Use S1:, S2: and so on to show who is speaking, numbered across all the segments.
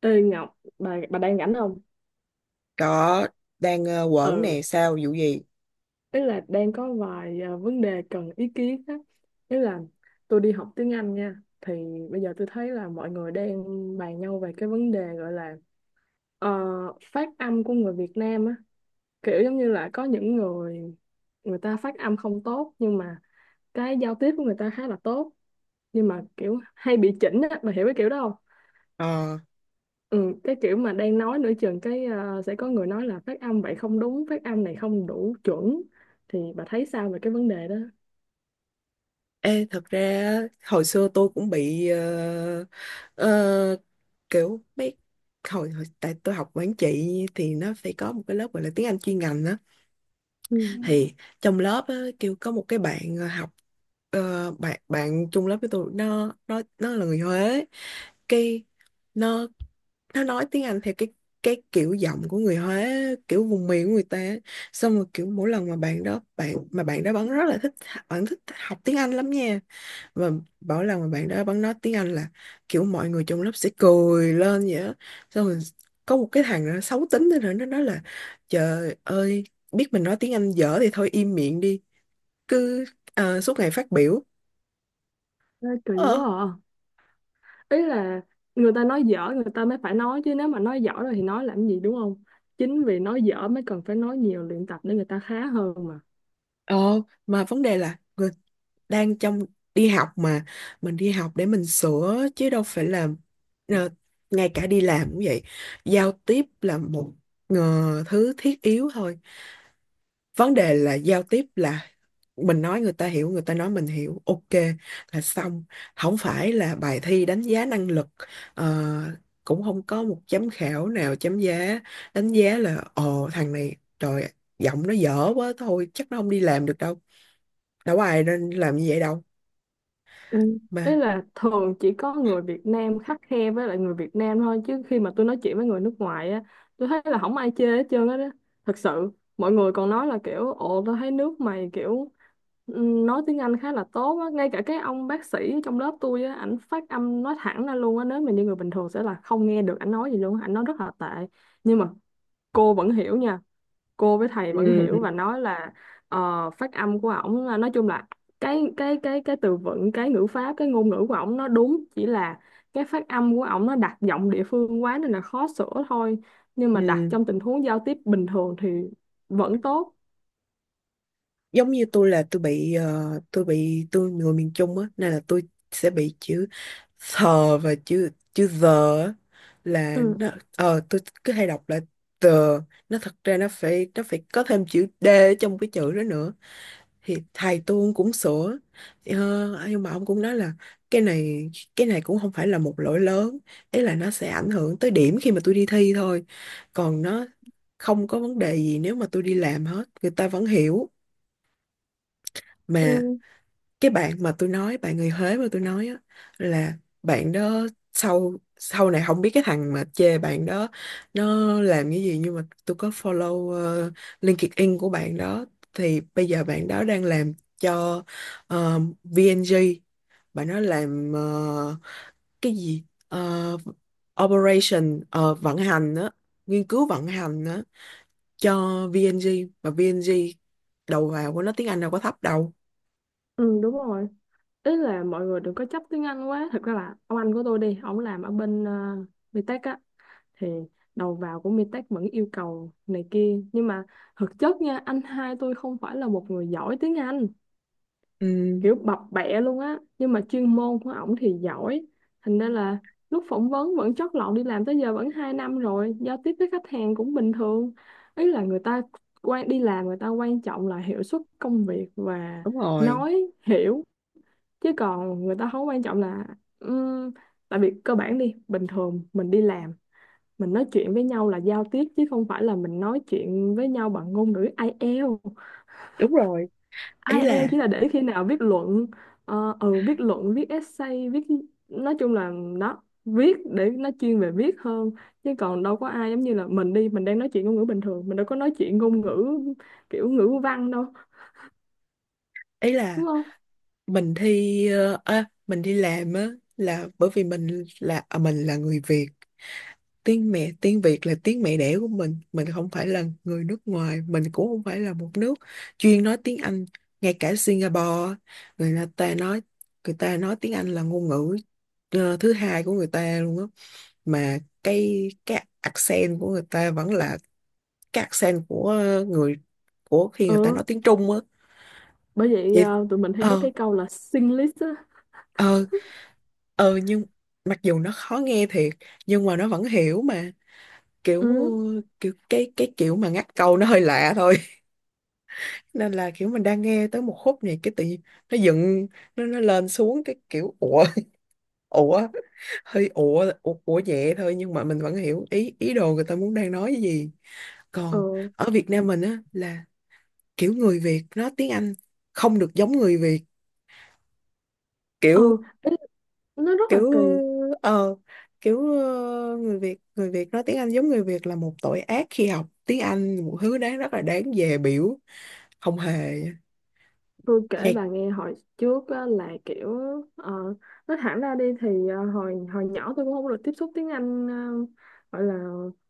S1: Ê Ngọc, bà đang rảnh không?
S2: Đó, đang quẩn
S1: Ừ,
S2: nè, sao, vụ gì?
S1: ý là đang có vài vấn đề cần ý kiến á. Ý là tôi đi học tiếng Anh nha. Thì bây giờ tôi thấy là mọi người đang bàn nhau về cái vấn đề gọi là ờ, phát âm của người Việt Nam á. Kiểu giống như là có những người người ta phát âm không tốt, nhưng mà cái giao tiếp của người ta khá là tốt. Nhưng mà kiểu hay bị chỉnh á, bà hiểu cái kiểu đó?
S2: Ờ,
S1: Ừ, cái kiểu mà đang nói nửa chừng cái sẽ có người nói là phát âm vậy không đúng, phát âm này không đủ chuẩn, thì bà thấy sao về cái vấn đề đó?
S2: thật ra á, hồi xưa tôi cũng bị ờ, kiểu mấy hồi tại tôi học quản trị thì nó phải có một cái lớp gọi là tiếng Anh chuyên ngành á.
S1: Ừ,
S2: Ừ, thì trong lớp á, kêu có một cái bạn học, ờ, bạn bạn chung lớp với tôi, nó là người Huế, cái nó nói tiếng Anh theo cái kiểu giọng của người Huế, kiểu vùng miền của người ta á. Xong rồi kiểu mỗi lần mà bạn đó vẫn rất là thích, bạn thích học tiếng Anh lắm nha, và mỗi lần mà bạn đó vẫn nói tiếng Anh là kiểu mọi người trong lớp sẽ cười lên vậy á. Xong rồi có một cái thằng nó xấu tính nữa, nó nói là trời ơi, biết mình nói tiếng Anh dở thì thôi im miệng đi, cứ suốt ngày phát biểu.
S1: ê, kỳ
S2: Ờ.
S1: quá à. Ý là người ta nói dở người ta mới phải nói chứ, nếu mà nói dở rồi thì nói làm gì, đúng không? Chính vì nói dở mới cần phải nói nhiều, luyện tập để người ta khá hơn.
S2: Ờ, mà vấn đề là người đang trong đi học mà, mình đi học để mình sửa chứ đâu phải là, ờ, ngay cả đi làm cũng vậy, giao tiếp là một, ờ, thứ thiết yếu thôi. Vấn đề là giao tiếp là mình nói người ta hiểu, người ta nói mình hiểu, ok là xong, không phải là bài thi đánh giá năng lực, ờ, cũng không có một giám khảo nào chấm giá, đánh giá là ồ thằng này trời, giọng nó dở quá thôi chắc nó không đi làm được đâu. Đâu có ai nên làm như vậy đâu
S1: Ừ. Ý
S2: mà.
S1: là thường chỉ có người Việt Nam khắt khe với lại người Việt Nam thôi, chứ khi mà tôi nói chuyện với người nước ngoài á, tôi thấy là không ai chê hết trơn á đó, thật sự. Mọi người còn nói là kiểu, ồ tôi thấy nước mày kiểu nói tiếng Anh khá là tốt á. Ngay cả cái ông bác sĩ trong lớp tôi á, ảnh phát âm, nói thẳng ra luôn á, nếu mà như người bình thường sẽ là không nghe được ảnh nói gì luôn á. Ảnh nói rất là tệ, nhưng mà cô vẫn hiểu nha, cô với thầy vẫn
S2: Ừ,
S1: hiểu và nói là phát âm của ổng nói chung là cái từ vựng, cái ngữ pháp, cái ngôn ngữ của ổng nó đúng, chỉ là cái phát âm của ổng nó đặt giọng địa phương quá nên là khó sửa thôi, nhưng mà đặt
S2: ừ,
S1: trong tình huống giao tiếp bình thường thì vẫn tốt.
S2: giống như tôi là tôi bị tôi bị, tôi người miền Trung á nên là tôi sẽ bị chữ thờ và chữ chữ giờ á, là
S1: Ừ,
S2: nó, ờ tôi cứ hay đọc là tờ, nó thật ra nó phải, có thêm chữ d ở trong cái chữ đó nữa, thì thầy tôi cũng sửa. Ờ, nhưng mà ông cũng nói là cái này, cái này cũng không phải là một lỗi lớn, ý là nó sẽ ảnh hưởng tới điểm khi mà tôi đi thi thôi, còn nó không có vấn đề gì nếu mà tôi đi làm hết, người ta vẫn hiểu mà.
S1: ừ,
S2: Cái bạn mà tôi nói, bạn người Huế mà tôi nói á, là bạn đó, sau sau này không biết cái thằng mà chê bạn đó nó làm cái gì, nhưng mà tôi có follow LinkedIn của bạn đó thì bây giờ bạn đó đang làm cho VNG. Bạn đó làm cái gì, operation, vận hành á, nghiên cứu vận hành á cho VNG. Mà VNG đầu vào của nó tiếng Anh đâu có thấp đâu.
S1: ừ, đúng rồi. Ý là mọi người đừng có chấp tiếng Anh quá. Thật ra là ông anh của tôi đi ổng làm ở bên uh, thì đầu vào của Mitech vẫn yêu cầu này kia, nhưng mà thực chất nha, anh hai tôi không phải là một người giỏi tiếng Anh,
S2: Ừ,
S1: kiểu bập bẹ luôn á, nhưng mà chuyên môn của ổng thì giỏi, thành ra là lúc phỏng vấn vẫn chót lọt, đi làm tới giờ vẫn 2 năm rồi, giao tiếp với khách hàng cũng bình thường. Ý là người ta quan, đi làm người ta quan trọng là hiệu suất công việc và
S2: đúng rồi.
S1: nói hiểu, chứ còn người ta không quan trọng là ừm, tại vì cơ bản đi bình thường, mình đi làm mình nói chuyện với nhau là giao tiếp, chứ không phải là mình nói chuyện với nhau bằng ngôn ngữ AI, IELTS.
S2: Đúng rồi, ý là
S1: Chỉ là để khi nào viết luận, viết essay, viết, nói chung là, đó, viết để nó chuyên về viết hơn, chứ còn đâu có ai giống như là mình đang nói chuyện ngôn ngữ bình thường, mình đâu có nói chuyện ngôn ngữ kiểu ngữ văn đâu,
S2: ý là
S1: đúng không?
S2: mình thi mình đi làm á, là bởi vì mình là, mình là người Việt, tiếng Việt là tiếng mẹ đẻ của mình không phải là người nước ngoài, mình cũng không phải là một nước chuyên nói tiếng Anh. Ngay cả Singapore, người ta nói, người ta nói tiếng Anh là ngôn ngữ thứ hai của người ta luôn á, mà cái accent của người ta vẫn là cái accent của ờ, người của khi người ta
S1: Ừ,
S2: nói tiếng Trung á.
S1: bởi vậy
S2: Vậy,
S1: tụi mình hay có
S2: ờ,
S1: cái câu là Singlish á.
S2: ờ nhưng mặc dù nó khó nghe thiệt, nhưng mà nó vẫn hiểu mà,
S1: Ừ,
S2: kiểu, kiểu cái kiểu mà ngắt câu nó hơi lạ thôi. Nên là kiểu mình đang nghe tới một khúc này, cái tự nhiên nó dựng, nó lên xuống cái kiểu ủa. Ủa, hơi ủa, ủa nhẹ thôi, nhưng mà mình vẫn hiểu ý, ý đồ người ta muốn đang nói cái gì. Còn
S1: ừ,
S2: ở Việt Nam mình á là kiểu người Việt nói tiếng Anh không được giống người Việt,
S1: ừ,
S2: kiểu,
S1: nó rất là
S2: kiểu
S1: kỳ.
S2: ờ kiểu người Việt, người Việt nói tiếng Anh giống người Việt là một tội ác khi học tiếng Anh, một thứ đáng, rất là đáng dè biểu. Không hề.
S1: Tôi kể
S2: Nhạc
S1: bà nghe hồi trước á, là kiểu ờ, nói thẳng ra đi thì hồi hồi nhỏ tôi cũng không được tiếp xúc tiếng Anh gọi là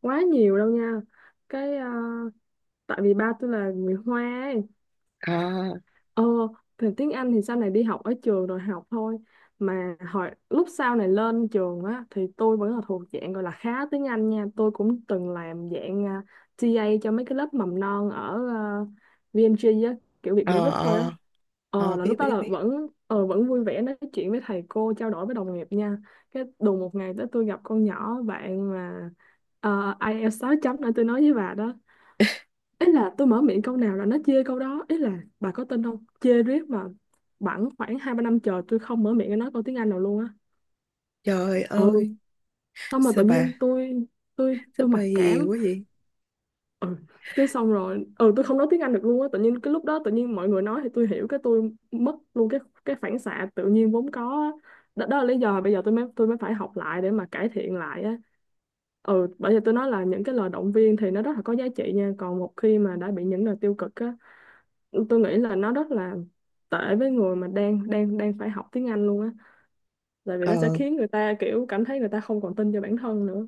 S1: quá nhiều đâu nha. Cái tại vì ba tôi là người Hoa ấy.
S2: à.
S1: Ờ, thì tiếng Anh thì sau này đi học ở trường rồi học thôi. Mà hồi lúc sau này lên trường á thì tôi vẫn là thuộc dạng gọi là khá tiếng Anh nha. Tôi cũng từng làm dạng TA cho mấy cái lớp mầm non ở VMG á, kiểu Việt Mỹ
S2: ờ
S1: Group thôi á.
S2: ờ
S1: Là
S2: Biết
S1: lúc đó
S2: biết
S1: là
S2: biết.
S1: vẫn vui vẻ nói chuyện với thầy cô, trao đổi với đồng nghiệp nha. Cái đùng một ngày tới tôi gặp con nhỏ bạn mà IELTS 6 chấm nữa, tôi nói với bà đó. Ý là tôi mở miệng câu nào là nó chê câu đó, ý là bà có tin không, chê riết mà bẵng khoảng hai ba năm trời tôi không mở miệng nói câu tiếng Anh nào luôn á.
S2: Trời
S1: Ừ,
S2: ơi,
S1: xong mà tự
S2: sao bà,
S1: nhiên tôi, tôi
S2: sao
S1: tôi
S2: bà
S1: mặc
S2: hiền
S1: cảm.
S2: quá vậy.
S1: Ừ. Cái xong rồi tôi không nói tiếng Anh được luôn á, tự nhiên cái lúc đó tự nhiên mọi người nói thì tôi hiểu, cái tôi mất luôn cái phản xạ tự nhiên vốn có á. Đó, đó là lý do bây giờ tôi mới, tôi mới phải học lại để mà cải thiện lại á. Ừ, bởi vì tôi nói là những cái lời động viên thì nó rất là có giá trị nha, còn một khi mà đã bị những lời tiêu cực á, tôi nghĩ là nó rất là tệ với người mà đang đang đang phải học tiếng Anh luôn á, tại vì nó sẽ
S2: Ờ,
S1: khiến người ta kiểu cảm thấy người ta không còn tin cho bản thân nữa.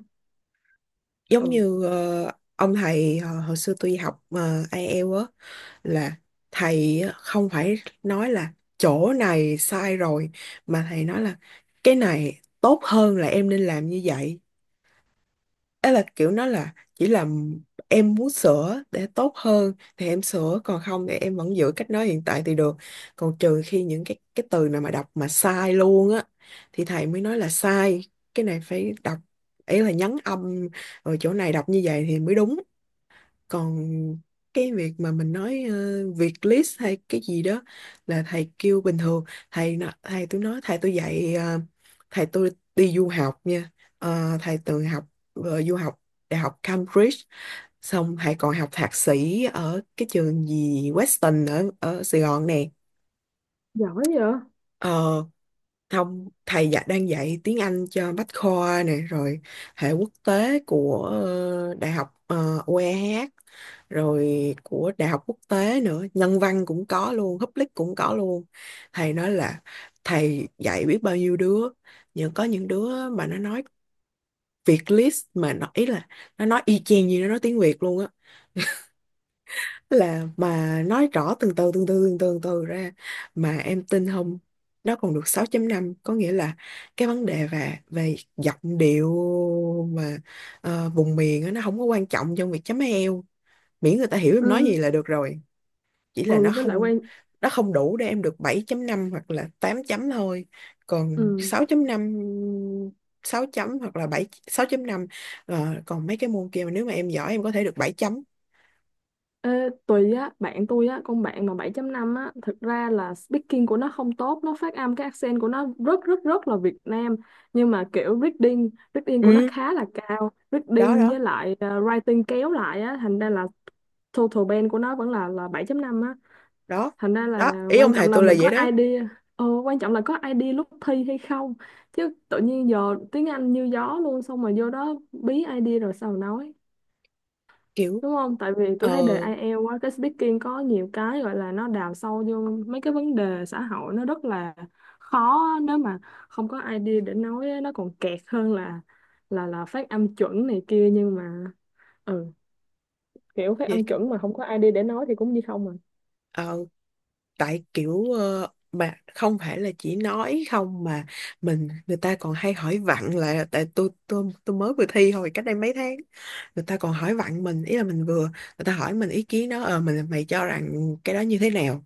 S2: giống
S1: Ừ,
S2: như ông thầy hồi xưa tôi học ai eo á, là thầy á, không phải nói là chỗ này sai rồi, mà thầy nói là cái này tốt hơn là em nên làm như vậy. Đó là kiểu nó là chỉ là em muốn sửa để tốt hơn thì em sửa, còn không thì em vẫn giữ cách nói hiện tại thì được. Còn trừ khi những cái từ nào mà đọc mà sai luôn á, thì thầy mới nói là sai, cái này phải đọc, ý là nhấn âm, rồi chỗ này đọc như vậy thì mới đúng. Còn cái việc mà mình nói việc list hay cái gì đó là thầy kêu bình thường. Thầy tôi nói, thầy tôi dạy thầy tôi đi du học nha. Ờ, thầy từng học du học đại học Cambridge, xong thầy còn học thạc sĩ ở cái trường gì Western ở ở Sài Gòn nè.
S1: giỏi vậy.
S2: Ờ không, thầy dạ đang dạy tiếng Anh cho Bách Khoa nè, rồi hệ quốc tế của Đại học UEH, rồi của Đại học quốc tế nữa, nhân văn cũng có luôn, public cũng có luôn. Thầy nói là thầy dạy biết bao nhiêu đứa, nhưng có những đứa mà nó nói Việt list mà nó, ý là nó nói y chang như nó nói tiếng Việt luôn á, là mà nói rõ từng từ, từng từ ra. Mà em tin không, nó còn được sáu chấm năm, có nghĩa là cái vấn đề về về giọng điệu mà vùng miền á, nó không có quan trọng trong việc chấm eo, miễn người ta hiểu em nói gì
S1: Ừ.
S2: là được rồi. Chỉ là
S1: Ừ, với lại quan.
S2: nó không đủ để em được bảy chấm năm hoặc là 8 chấm thôi, còn
S1: ừ
S2: sáu chấm năm, sáu chấm hoặc là 7 6.5. Ờ, còn mấy cái môn kia mà nếu mà em giỏi em có thể được 7 chấm.
S1: Ê, tùy á, bạn tôi á, con bạn mà 7.5 á, thực ra là speaking của nó không tốt, nó phát âm cái accent của nó rất rất rất là Việt Nam, nhưng mà kiểu reading của nó
S2: Ừ,
S1: khá là cao,
S2: đó
S1: reading
S2: đó
S1: với lại writing kéo lại á, thành ra là total band của nó vẫn là 7.5 á,
S2: đó
S1: thành ra
S2: đó,
S1: là
S2: ý ông
S1: quan
S2: thầy
S1: trọng là
S2: tôi là
S1: mình có
S2: vậy đó.
S1: idea, quan trọng là có idea lúc thi hay không, chứ tự nhiên giờ tiếng Anh như gió luôn, xong mà vô đó bí idea rồi sao mà nói,
S2: Kiểu
S1: đúng không? Tại vì
S2: ờ
S1: tôi thấy đề IELTS quá, cái speaking có nhiều cái gọi là nó đào sâu vô mấy cái vấn đề xã hội nó rất là khó á. Nếu mà không có idea để nói á, nó còn kẹt hơn là phát âm chuẩn này kia, nhưng mà ừ kiểu phát
S2: Vậy,
S1: âm chuẩn mà không có idea để nói thì cũng như không mà.
S2: ờ, tại kiểu, mà không phải là chỉ nói không mà, người ta còn hay hỏi vặn là, tại tôi mới vừa thi hồi cách đây mấy tháng, người ta còn hỏi vặn mình, ý là mình vừa người ta hỏi mình ý kiến đó, ờ mình, mày cho rằng cái đó như thế nào.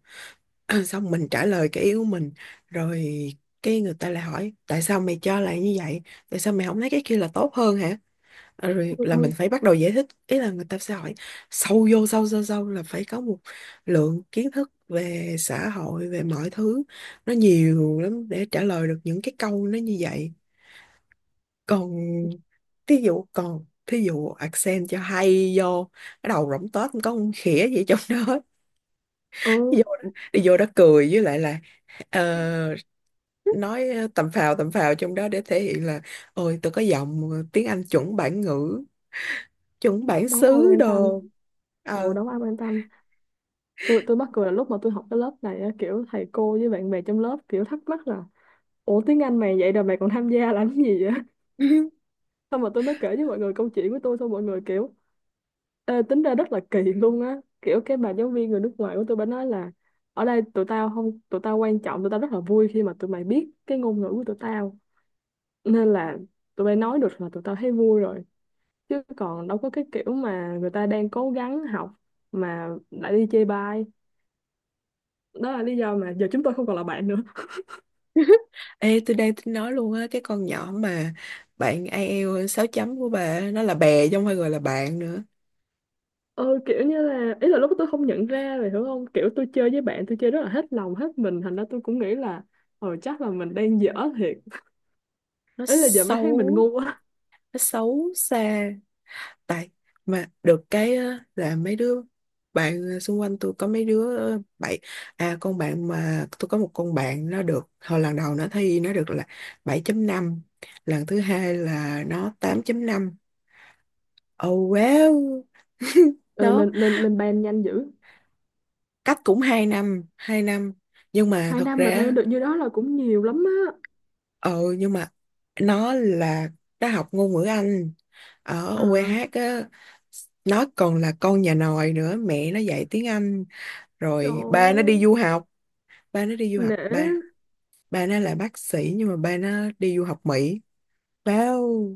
S2: Xong mình trả lời cái ý của mình rồi, cái người ta lại hỏi tại sao mày cho là như vậy, tại sao mày không thấy cái kia là tốt hơn hả. Ờ, rồi
S1: Ừ,
S2: là mình
S1: ừ,
S2: phải bắt đầu giải thích, ý là người ta sẽ hỏi sâu vô, sâu sâu sâu là phải có một lượng kiến thức về xã hội, về mọi thứ nó nhiều lắm để trả lời được những cái câu nó như vậy. Còn thí dụ, accent cho hay vô, cái đầu rỗng toét không có con khỉa gì trong đó.
S1: ừ,
S2: vô đó- Đi vô đó cười với lại là, ờ, nói tầm phào, trong đó để thể hiện là ôi tôi có giọng tiếng Anh chuẩn bản ngữ, chuẩn bản
S1: đâu có ai
S2: xứ
S1: quan tâm.
S2: đồ.
S1: Ồ,
S2: Ờ.
S1: đâu có ai quan tâm. Tôi mắc cười là lúc mà tôi học cái lớp này á, kiểu thầy cô với bạn bè trong lớp kiểu thắc mắc là, ủa tiếng Anh mày vậy rồi mày còn tham gia làm cái gì, xong rồi tôi mới kể với mọi người câu chuyện của tôi, xong mọi người kiểu, ê, tính ra rất là kỳ luôn á. Kiểu cái bà giáo viên người nước ngoài của tôi, bà nói là, ở đây tụi tao không, tụi tao quan trọng tụi tao rất là vui khi mà tụi mày biết cái ngôn ngữ của tụi tao, nên là tụi bay nói được là tụi tao thấy vui rồi, chứ còn đâu có cái kiểu mà người ta đang cố gắng học mà lại đi chê bai. Đó là lý do mà giờ chúng tôi không còn là bạn nữa.
S2: Ê, tôi đang tính nói luôn á, cái con nhỏ mà bạn IELTS 6 chấm của bà á, nó là bè chứ không phải gọi là bạn nữa.
S1: Ờ, kiểu như là ý là lúc đó tôi không nhận ra, rồi hiểu không, kiểu tôi chơi với bạn tôi chơi rất là hết lòng hết mình, thành ra tôi cũng nghĩ là chắc là mình đang dở thiệt.
S2: Nó
S1: Ý là giờ mới thấy mình
S2: xấu,
S1: ngu á.
S2: nó xấu xa. Tại, mà được cái á, là mấy đứa bạn xung quanh tôi có mấy đứa ờ, bảy à, con bạn mà, tôi có một con bạn nó được, hồi lần đầu nó thi nó được là bảy chấm năm, lần thứ hai là nó tám chấm năm. Oh wow.
S1: Ờ,
S2: Đó,
S1: Lên lên lên ban nhanh dữ.
S2: cách cũng 2 năm, 2 năm. Nhưng mà
S1: hai
S2: thật
S1: năm mà lên
S2: ra,
S1: được như đó là cũng nhiều lắm á.
S2: ừ nhưng mà nó là, nó học ngôn ngữ Anh ở
S1: À,
S2: UEH á. Nó còn là con nhà nòi nữa, mẹ nó dạy tiếng Anh,
S1: trời
S2: rồi ba nó đi
S1: ơi,
S2: du học, ba nó đi du học
S1: nể.
S2: ba ba nó là bác sĩ nhưng mà ba nó đi du học Mỹ. Wow,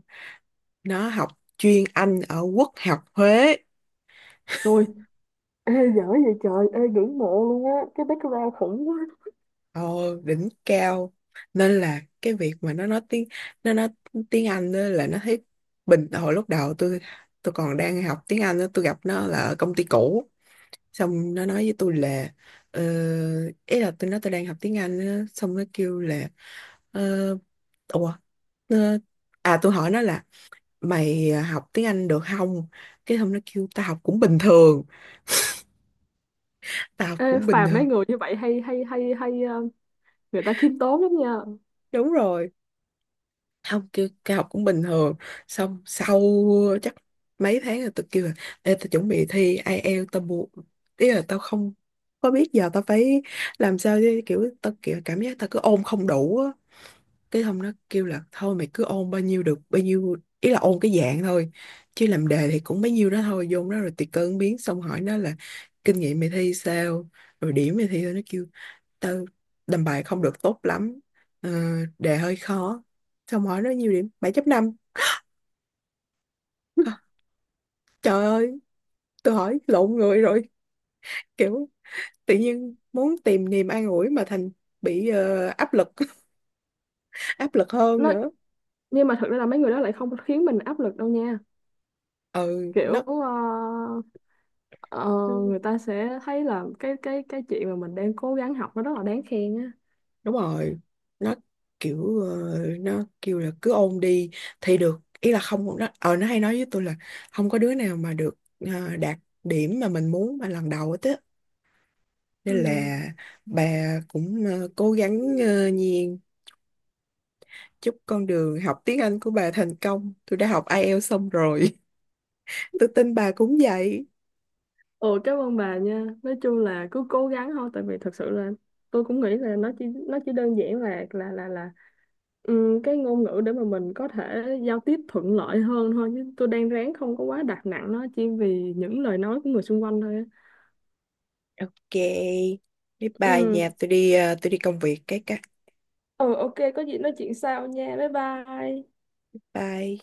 S2: nó học chuyên Anh ở Quốc học Huế.
S1: Rồi, ê, dở vậy trời, ê, ngưỡng mộ luôn á, cái background khủng quá.
S2: Ồ, đỉnh cao. Nên là cái việc mà nó nói tiếng Anh á là nó thấy bình, hồi lúc đầu tôi còn đang học tiếng Anh á, tôi gặp nó là ở công ty cũ, xong nó nói với tôi là ờ, ý là tôi nói tôi đang học tiếng Anh á, xong nó kêu là ờ, ủa ờ, à tôi hỏi nó là mày học tiếng Anh được không, cái xong nó kêu tao học cũng bình thường, tao học
S1: Ê,
S2: cũng bình
S1: phàm mấy
S2: thường.
S1: người như vậy hay, hay hay hay người ta khiêm tốn lắm nha.
S2: Đúng rồi, không kêu cao, học cũng bình thường. Xong sau chắc mấy tháng rồi, tôi kêu là Ê, tôi chuẩn bị thi IELTS tao buộc, ý là tao không có biết giờ tao phải làm sao, chứ kiểu tao kiểu cảm giác tao cứ ôn không đủ á. Cái hôm nó kêu là thôi mày cứ ôn bao nhiêu được bao nhiêu, ý là ôn cái dạng thôi, chứ làm đề thì cũng bấy nhiêu đó thôi, vô đó rồi tùy cơ ứng biến. Xong hỏi nó là kinh nghiệm mày thi sao, rồi điểm mày thi sao, nó kêu Tao làm bài không được tốt lắm, ờ, đề hơi khó. Xong hỏi nó nhiều điểm 7.5. Hả? Trời ơi, tôi hỏi lộn người rồi. Kiểu tự nhiên muốn tìm niềm an ủi mà thành bị áp lực áp lực hơn
S1: nó
S2: nữa.
S1: nhưng mà thật ra là mấy người đó lại không khiến mình áp lực đâu nha.
S2: Ừ nó
S1: Kiểu Ờ, người ta sẽ thấy là cái chuyện mà mình đang cố gắng học nó rất là đáng khen á.
S2: Đúng rồi, nó kiểu nó kêu là cứ ôn đi thì được, ý là không, nó hay nói với tôi là không có đứa nào mà được đạt điểm mà mình muốn mà lần đầu hết á. Nên
S1: Ừ.
S2: là bà cũng cố gắng Nhiên, chúc con đường học tiếng Anh của bà thành công. Tôi đã học IELTS xong rồi, tôi tin bà cũng vậy.
S1: Ồ, cảm ơn bà nha. Nói chung là cứ cố gắng thôi, tại vì thật sự là tôi cũng nghĩ là nó chỉ đơn giản là cái ngôn ngữ để mà mình có thể giao tiếp thuận lợi hơn thôi. Chứ tôi đang ráng không có quá đặt nặng nó chỉ vì những lời nói của người xung quanh thôi á.
S2: Ok, bye bye
S1: Ừ,
S2: nhà, tôi đi tôi đi công việc cái.
S1: ừ, ok, có gì nói chuyện sau nha. Bye bye.
S2: Bye.